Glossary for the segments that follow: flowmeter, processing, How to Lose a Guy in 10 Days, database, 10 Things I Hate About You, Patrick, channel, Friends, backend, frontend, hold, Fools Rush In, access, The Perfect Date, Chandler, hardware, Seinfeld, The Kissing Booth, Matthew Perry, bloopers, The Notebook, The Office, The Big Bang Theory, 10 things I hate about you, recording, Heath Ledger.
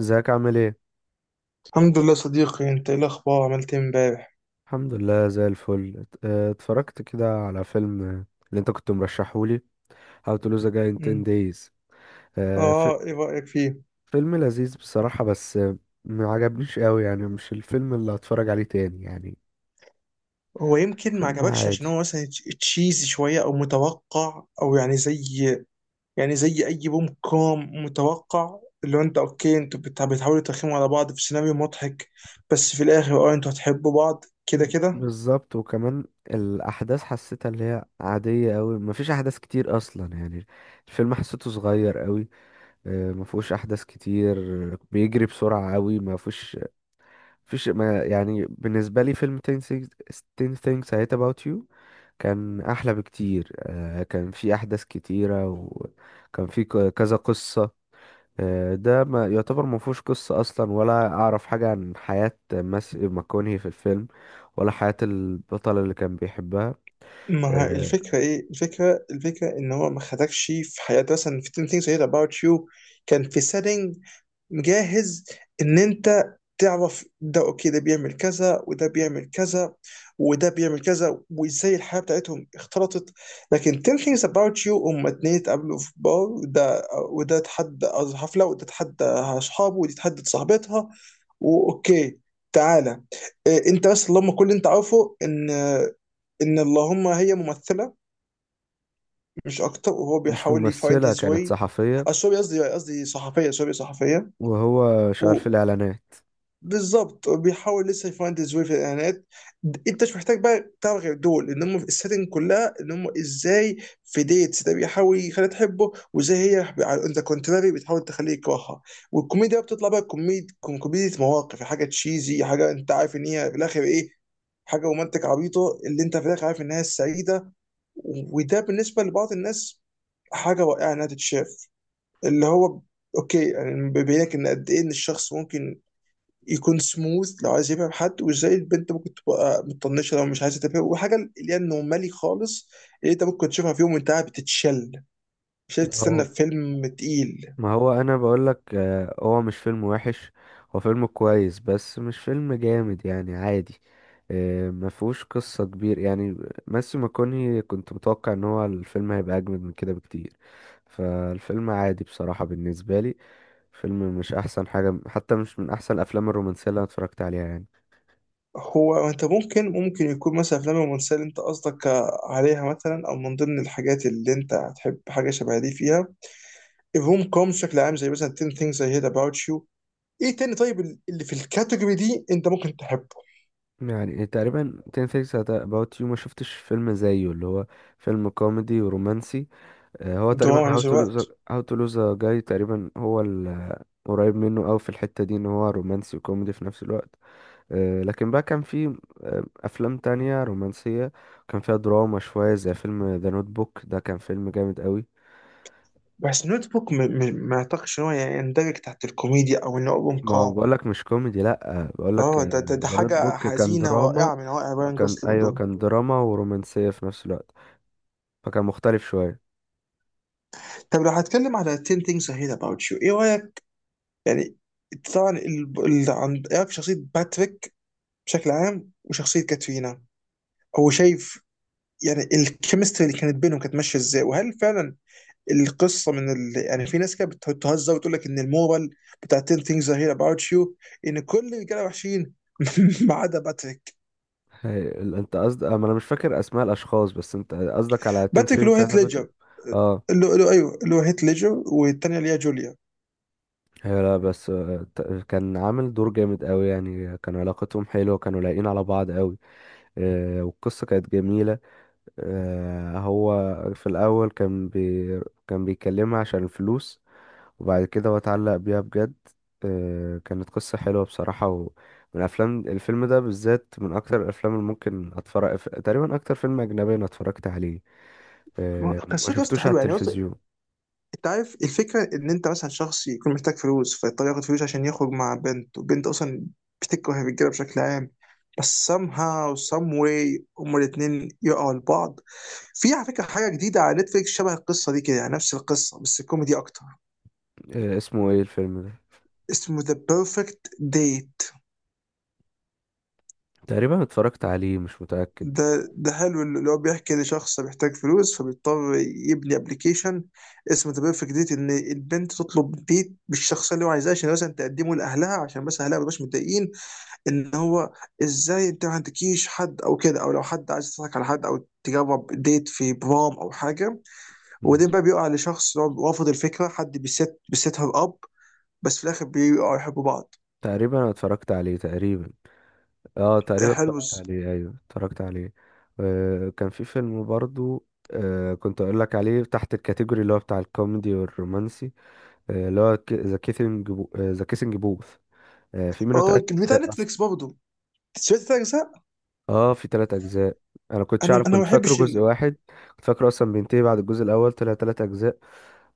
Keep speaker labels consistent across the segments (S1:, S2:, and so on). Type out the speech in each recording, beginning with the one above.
S1: ازيك عامل ايه؟
S2: الحمد لله صديقي، انت ايه الاخبار؟ عملت ايه امبارح؟
S1: الحمد لله، زي الفل. اتفرجت كده على فيلم، اللي انت كنت مرشحهولي How to Lose a Guy in 10
S2: مم.
S1: Days. اه، ف-
S2: اه ايه رايك فيه؟
S1: فيلم لذيذ بصراحة، بس ما عجبنيش قوي، يعني مش الفيلم اللي هتفرج عليه تاني يعني.
S2: هو يمكن ما
S1: فيلم
S2: عجبكش
S1: عادي.
S2: عشان هو مثلا تشيزي شويه او متوقع او يعني زي يعني زي اي روم كوم متوقع، اللي هو انت اوكي، انتوا بتحاولوا ترخموا على بعض في سيناريو مضحك، بس في الاخر انتوا هتحبوا بعض كده
S1: مم.
S2: كده.
S1: بالظبط. وكمان الأحداث حسيتها اللي هي عادية قوي، مفيش أحداث كتير أصلا يعني. الفيلم حسيته صغير قوي، مفهوش أحداث كتير، بيجري بسرعة قوي، مفهوش، فيش ما يعني. بالنسبة لي فيلم 10 things, 10 things I hate about you كان أحلى بكتير. كان في أحداث كتيرة، وكان في كذا قصة. ده ما يعتبر، ما فيهوش قصة أصلا، ولا أعرف حاجة عن حياة ماس ماكونهي في الفيلم، ولا حياة البطلة اللي كان بيحبها.
S2: ما ه-
S1: آه،
S2: الفكره ايه، الفكره ان هو ما خدكش في حياتي، مثلا في 10 things I hate about you كان في setting مجهز ان انت تعرف ده، اوكي ده بيعمل كذا وده بيعمل كذا وده بيعمل كذا، وازاي الحياه بتاعتهم اختلطت. لكن 10 things about you هم اتنين اتقابلوا في بار، وده اتحدى حفله، وده اتحدى اصحابه ودي اتحدت صاحبتها، واوكي تعالى إيه انت، بس اللهم كل اللي انت عارفه ان اللهم هي ممثله مش اكتر، وهو
S1: مش
S2: بيحاول يفايند
S1: ممثلة،
S2: هيز
S1: كانت
S2: واي.
S1: صحفية.
S2: سوري قصدي صحفيه، سوري صحفيه.
S1: وهو شغال في الإعلانات.
S2: بالظبط، بيحاول لسه يفانتز ويه في الاعلانات. انت مش محتاج بقى تعرف غير دول، ان هم في السيتنج كلها، ان هم ازاي في ديتس ده بيحاول يخليها تحبه، وازاي هي انت كونتراري بتحاول تخليه يكرهها. والكوميديا بقى بتطلع بقى كوميديا مواقف، حاجه تشيزي، حاجه انت عارف ان هي في الاخر ايه، حاجه رومانتك عبيطه اللي انت في الاخر عارف انها السعيده. وده بالنسبه لبعض الناس حاجه رائعه انها تتشاف، اللي هو اوكي، يعني بيبين لك ان قد ايه ان الشخص ممكن يكون سموث لو عايز يفهم حد، وازاي البنت ممكن تبقى مطنشه لو مش عايزه تفهم، وحاجه اللي هي النورمالي خالص اللي انت ممكن تشوفها في يوم وانت قاعد بتتشل، مش لازم
S1: هو
S2: تستنى في فيلم تقيل.
S1: ما هو انا بقول لك، هو مش فيلم وحش. هو فيلم كويس، بس مش فيلم جامد، يعني عادي. ما فيهوش قصة كبير يعني. ماسيو ماكوني، كنت متوقع ان هو الفيلم هيبقى اجمد من كده بكتير. فالفيلم عادي بصراحة بالنسبة لي. فيلم مش احسن حاجة، حتى مش من احسن الافلام الرومانسية اللي انا اتفرجت عليها يعني.
S2: هو انت ممكن، يكون مثلا افلام الرومانسيه اللي انت قصدك عليها مثلا، او من ضمن الحاجات اللي انت هتحب حاجه شبه دي فيها، الروم كوم بشكل عام زي مثلا 10 things I hate about you. ايه تاني طيب اللي في الكاتيجوري دي انت ممكن تحبه؟
S1: يعني تقريبا 10 things about you، ما شفتش فيلم زيه، اللي هو فيلم كوميدي ورومانسي. هو تقريبا
S2: دراما في نفس الوقت.
S1: هاو تو لوز جاي تقريبا. هو قريب منه، او في الحتة دي ان هو رومانسي وكوميدي في نفس الوقت. لكن بقى كان في افلام تانية رومانسية كان فيها دراما شوية، زي فيلم ذا نوت بوك، ده كان فيلم جامد قوي.
S2: بس نوت بوك، ما اعتقدش ان هو يندرج تحت الكوميديا او انه ابوم
S1: ما هو
S2: كوم.
S1: بقولك مش كوميدي، لا، بقولك
S2: اه، ده
S1: ذا نوت
S2: حاجه
S1: بوك كان
S2: حزينه
S1: دراما.
S2: رائعه من رائع براين جوسلينج
S1: ايوه،
S2: دول.
S1: كان دراما ورومانسية في نفس الوقت، فكان مختلف شوية.
S2: طب لو هتكلم على 10 things I hate about you ايه رايك يعني؟ طبعا ايه رايك في شخصيه باتريك بشكل عام، وشخصيه كاترينا؟ هو شايف يعني الكيمستري اللي كانت بينهم كانت ماشيه ازاي؟ وهل فعلا القصه يعني في ناس كده بتهزر وتقول لك ان المورال بتاع 10 things I hate about you ان كل الرجاله وحشين ما عدا باتريك.
S1: انت قصدك، انا مش فاكر اسماء الاشخاص، بس انت قصدك على 10
S2: باتريك اللي
S1: things
S2: هو
S1: that
S2: هيث
S1: happened to you؟
S2: ليدجر،
S1: آه.
S2: ايوه اللي هو هيث ليدجر، والثانيه اللي هي جوليا.
S1: هي لا، بس كان عامل دور جامد قوي يعني، كان علاقتهم حلوة، كانوا لايقين على بعض قوي. والقصة كانت جميلة. هو في الأول كان بيكلمها عشان الفلوس، وبعد كده هو اتعلق بيها بجد. كانت قصة حلوة بصراحة. ومن أفلام الفيلم ده بالذات من أكتر الأفلام اللي ممكن أتفرج، تقريبا أكتر فيلم أجنبي أنا اتفرجت عليه. ما
S2: قصته يا اسطى
S1: شفتوش على
S2: حلوه، يعني قصدي
S1: التلفزيون.
S2: انت عارف الفكره ان انت مثلا شخص يكون محتاج فلوس فيضطر ياخد فلوس عشان يخرج مع بنت، وبنت اصلا بتكره الرجاله بشكل عام، بس somehow some way هما الاثنين يقعوا لبعض. في على فكره حاجه جديده على نتفليكس شبه القصه دي كده، يعني نفس القصه بس كوميدي اكتر.
S1: اسمه إيه الفيلم ده؟
S2: اسمه ذا بيرفكت ديت.
S1: تقريبا اتفرجت عليه، مش متأكد.
S2: ده حلو، اللي هو بيحكي ان شخص محتاج فلوس فبيضطر يبني ابلكيشن اسمه ذا بيرفكت ديت، ان البنت تطلب ديت بالشخص اللي هو عايزاه عشان مثلا تقدمه لاهلها، عشان بس اهلها ما يبقاش متضايقين ان هو ازاي انت ما عندكيش حد او كده، او لو حد عايز يضحك على حد، او تجرب ديت في برام او حاجه، وبعدين بقى بيقع لشخص اللي هو رافض الفكره حد بيست بيست هير اب، بس في الاخر بيقعوا يحبوا بعض.
S1: تقريبا انا اتفرجت عليه تقريبا. اه، تقريبا
S2: حلو.
S1: اتفرجت عليه. ايوه، اتفرجت عليه. كان في فيلم برضو، كنت اقول لك عليه تحت الكاتيجوري اللي هو بتاع الكوميدي والرومانسي. اللي هو ذا كيسنج بوث. في منه
S2: اه،
S1: تلات
S2: بتاع
S1: اجزاء اصلا.
S2: نتفليكس برضه. سمعت تلات اجزاء.
S1: اه في تلات اجزاء، انا كنتش
S2: انا
S1: اعرف،
S2: انا ما
S1: كنت فاكره
S2: بحبش.
S1: جزء واحد. كنت فاكره اصلا بينتهي بعد الجزء الاول، طلع تلات اجزاء.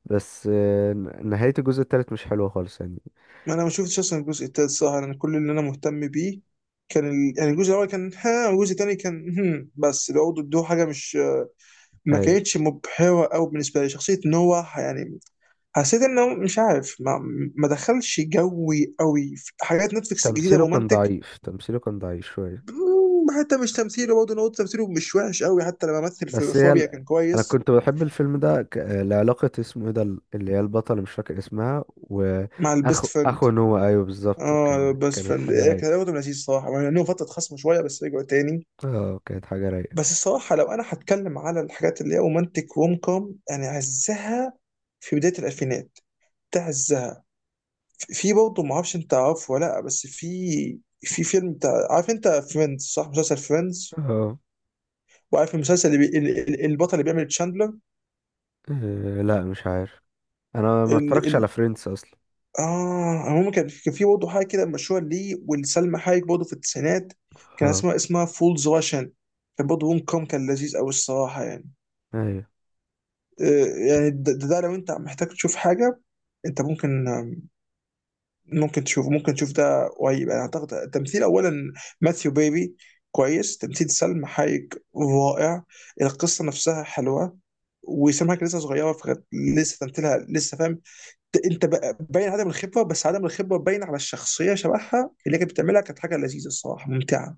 S1: بس نهاية الجزء التالت مش حلوة خالص يعني.
S2: ما انا ما شفتش اصلا الجزء التالت صراحه، انا كل اللي انا مهتم بيه كان يعني الجزء الاول كان ها، والجزء الثاني كان هم، بس برضه ادوه حاجه مش، ما
S1: ايوه،
S2: كانتش مبهره قوي بالنسبه لي شخصيه نوح يعني. حسيت انه مش عارف ما دخلش جوي قوي في حاجات نتفلكس الجديده رومانتك.
S1: تمثيله كان ضعيف شوية.
S2: حتى مش تمثيله برضه، انا قلت تمثيله مش وحش قوي، حتى لما مثل في
S1: بس
S2: فوبيا كان
S1: انا
S2: كويس.
S1: كنت بحب الفيلم ده لعلاقة، اسمه ايه اللي هي البطلة، مش فاكر اسمها،
S2: مع البيست فريند.
S1: اخو نوع ايوه بالظبط،
S2: اه بيست
S1: كانت
S2: فريند
S1: حاجة رايقة.
S2: كان برضه لذيذ صراحه يعني، انه فتره خصم شويه بس رجعوا تاني.
S1: اه، كانت حاجة رايقة.
S2: بس الصراحة لو أنا هتكلم على الحاجات اللي هي رومانتك روم كوم، يعني عزها في بداية الألفينات، ده عزها. في برضه معرفش أنت عارفه ولا لأ، بس في فيلم بتاع، عارف أنت فريندز صح؟ مسلسل فريندز،
S1: اه
S2: وعارف المسلسل اللي البطل اللي بيعمل تشاندلر؟
S1: لا، مش عارف، انا ما
S2: ال...
S1: اتفرجتش
S2: ال...
S1: على فريندز اصلا.
S2: آه المهم، كان في برضه حاجة كده مشهورة ليه ولسلمى حايك برضه في التسعينات، كان
S1: اه.
S2: اسمها فولز راشن. كان برضه روم كوم، كان لذيذ أوي الصراحة يعني.
S1: ايوه.
S2: يعني ده لو انت محتاج تشوف حاجه انت ممكن، ممكن تشوف ده قريب يعني. اعتقد التمثيل اولا، ماثيو بيبي كويس، تمثيل سلم حايك رائع، القصه نفسها حلوه. وسام حاجه لسه صغيره فكانت لسه تمثيلها لسه فاهم، باين عدم الخبره، بس عدم الخبره باين على الشخصيه شبهها اللي كانت بتعملها، كانت حاجه لذيذه الصراحه ممتعه.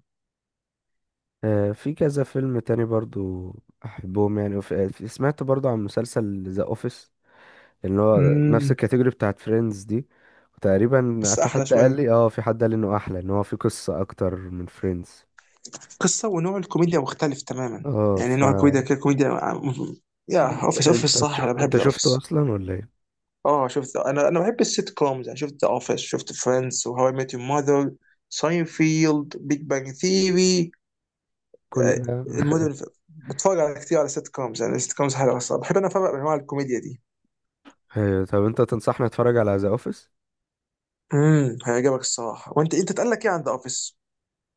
S1: في كذا فيلم تاني برضو، احبهم يعني. وف... آه، سمعت برضو عن مسلسل ذا اوفيس، اللي هو نفس
S2: امم.
S1: الكاتيجوري بتاعت فريندز دي. وتقريبا
S2: بس احلى شويه،
S1: في حد قال لي انه احلى، ان هو في قصة اكتر من فريندز.
S2: قصة ونوع الكوميديا مختلف تماما،
S1: اه
S2: يعني
S1: ف
S2: نوع الكوميديا كده كوميديا. يا
S1: انت
S2: اوفيس، اوفيس
S1: انت
S2: صح،
S1: تشو...
S2: انا بحب
S1: انت شفته
S2: الاوفيس.
S1: اصلا ولا ايه؟
S2: اه شفت، انا بحب السيت كومز يعني، شفت ذا اوفيس، شفت فريندز وهاو اي ميت يور ماذر، ساينفيلد، بيج بانج ثيري،
S1: كل ده.
S2: المدن. بتفرج على كتير على سيت كومز يعني، السيت كومز حلوه الصراحه، بحب انا افرق بين انواع الكوميديا دي.
S1: ايوه. طب انت تنصحني اتفرج على ذا اوفيس؟
S2: امم، هيعجبك الصراحه. وانت اتقال لك ايه عند اوفيس؟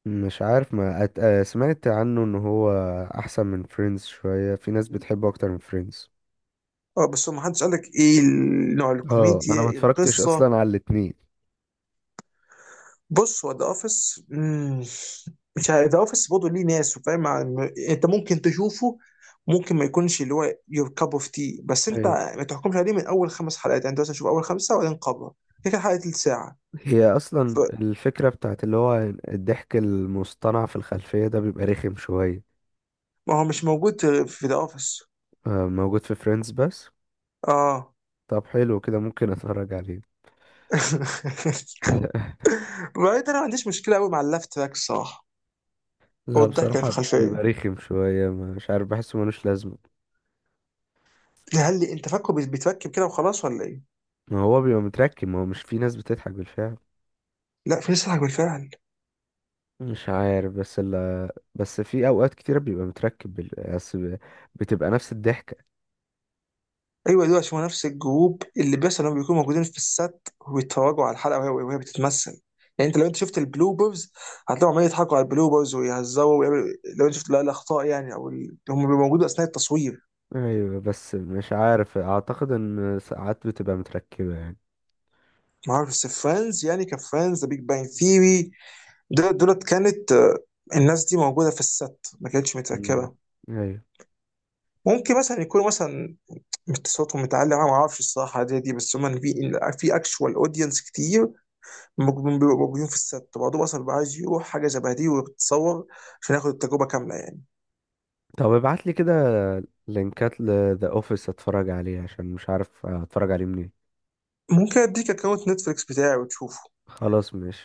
S1: مش عارف، ما أت... آه، سمعت عنه ان هو احسن من فريندز شوية، في ناس بتحبه اكتر من فريندز.
S2: اه، بس هو ما حدش قال لك ايه نوع
S1: اه،
S2: الكوميديا،
S1: انا ما
S2: إيه
S1: اتفرجتش اصلا
S2: القصه؟
S1: على الاتنين.
S2: بص هو ذا اوفيس، مش عارف ذا اوفيس برضه ليه ناس وفاهم، انت ممكن تشوفه، ممكن ما يكونش اللي هو يور كاب اوف تي، بس انت
S1: ايوه.
S2: ما تحكمش عليه من اول خمس حلقات يعني، انت مثلا شوف اول خمسه وبعدين قبله، كده كده حلقه تلت ساعه.
S1: هي
S2: ف-
S1: اصلا الفكرة بتاعت اللي هو الضحك المصطنع في الخلفية ده، بيبقى رخم شوية.
S2: ما هو مش موجود في ذا اوفيس.
S1: موجود في فريندز بس.
S2: اه.
S1: طب حلو كده، ممكن اتفرج عليه.
S2: بعدين انا ما عنديش مشكله قوي مع اللفت تراك الصراحه، او
S1: لا،
S2: الضحكه اللي في
S1: بصراحة
S2: الخلفيه.
S1: بيبقى رخم شوية، مش عارف، بحسه ملوش لازمة.
S2: هل انت فاكره بيتفكم كده وخلاص ولا ايه؟
S1: ما هو بيبقى متركب، ما هو مش في ناس بتضحك بالفعل.
S2: لا، في ناس تضحك بالفعل.
S1: مش عارف، بس في أوقات كتيرة بيبقى متركب، بس ب- بتبقى نفس الضحكة.
S2: ايوه دول عشان هو نفس الجروب اللي بيحصل انهم بيكونوا موجودين في السات ويتفرجوا على الحلقه وهي بتتمثل، يعني انت لو انت شفت البلوبرز هتلاقيهم عمالين يضحكوا على البلوبرز ويهزروا ويعملوا. لو انت شفت لا الاخطاء يعني هم بيبقوا موجودين اثناء التصوير.
S1: أيوة، بس مش عارف، أعتقد إن ساعات بتبقى متركبة يعني.
S2: ما اعرف، بس فريندز يعني، كان فريندز، ذا بيج بانج ثيري، دولت كانت الناس دي موجوده في السات، ما كانتش
S1: مم.
S2: متركبه.
S1: أيوة.
S2: ممكن مثلا يكونوا مثلا صوتهم متعلق، أنا ما اعرفش الصراحه دي، بس هم في اكشوال اودينس كتير، ممكن بيبقوا موجودين في الست، بعضهم اصلا بيبقى عايز يروح حاجه شبه دي ويتصور عشان ياخد التجربه كامله يعني.
S1: طب ابعتلي كده لينكات لذا أوفيس أتفرج عليه، عشان مش عارف أتفرج عليه منين.
S2: ممكن اديك اكونت نتفليكس بتاعي وتشوفه.
S1: خلاص، ماشي.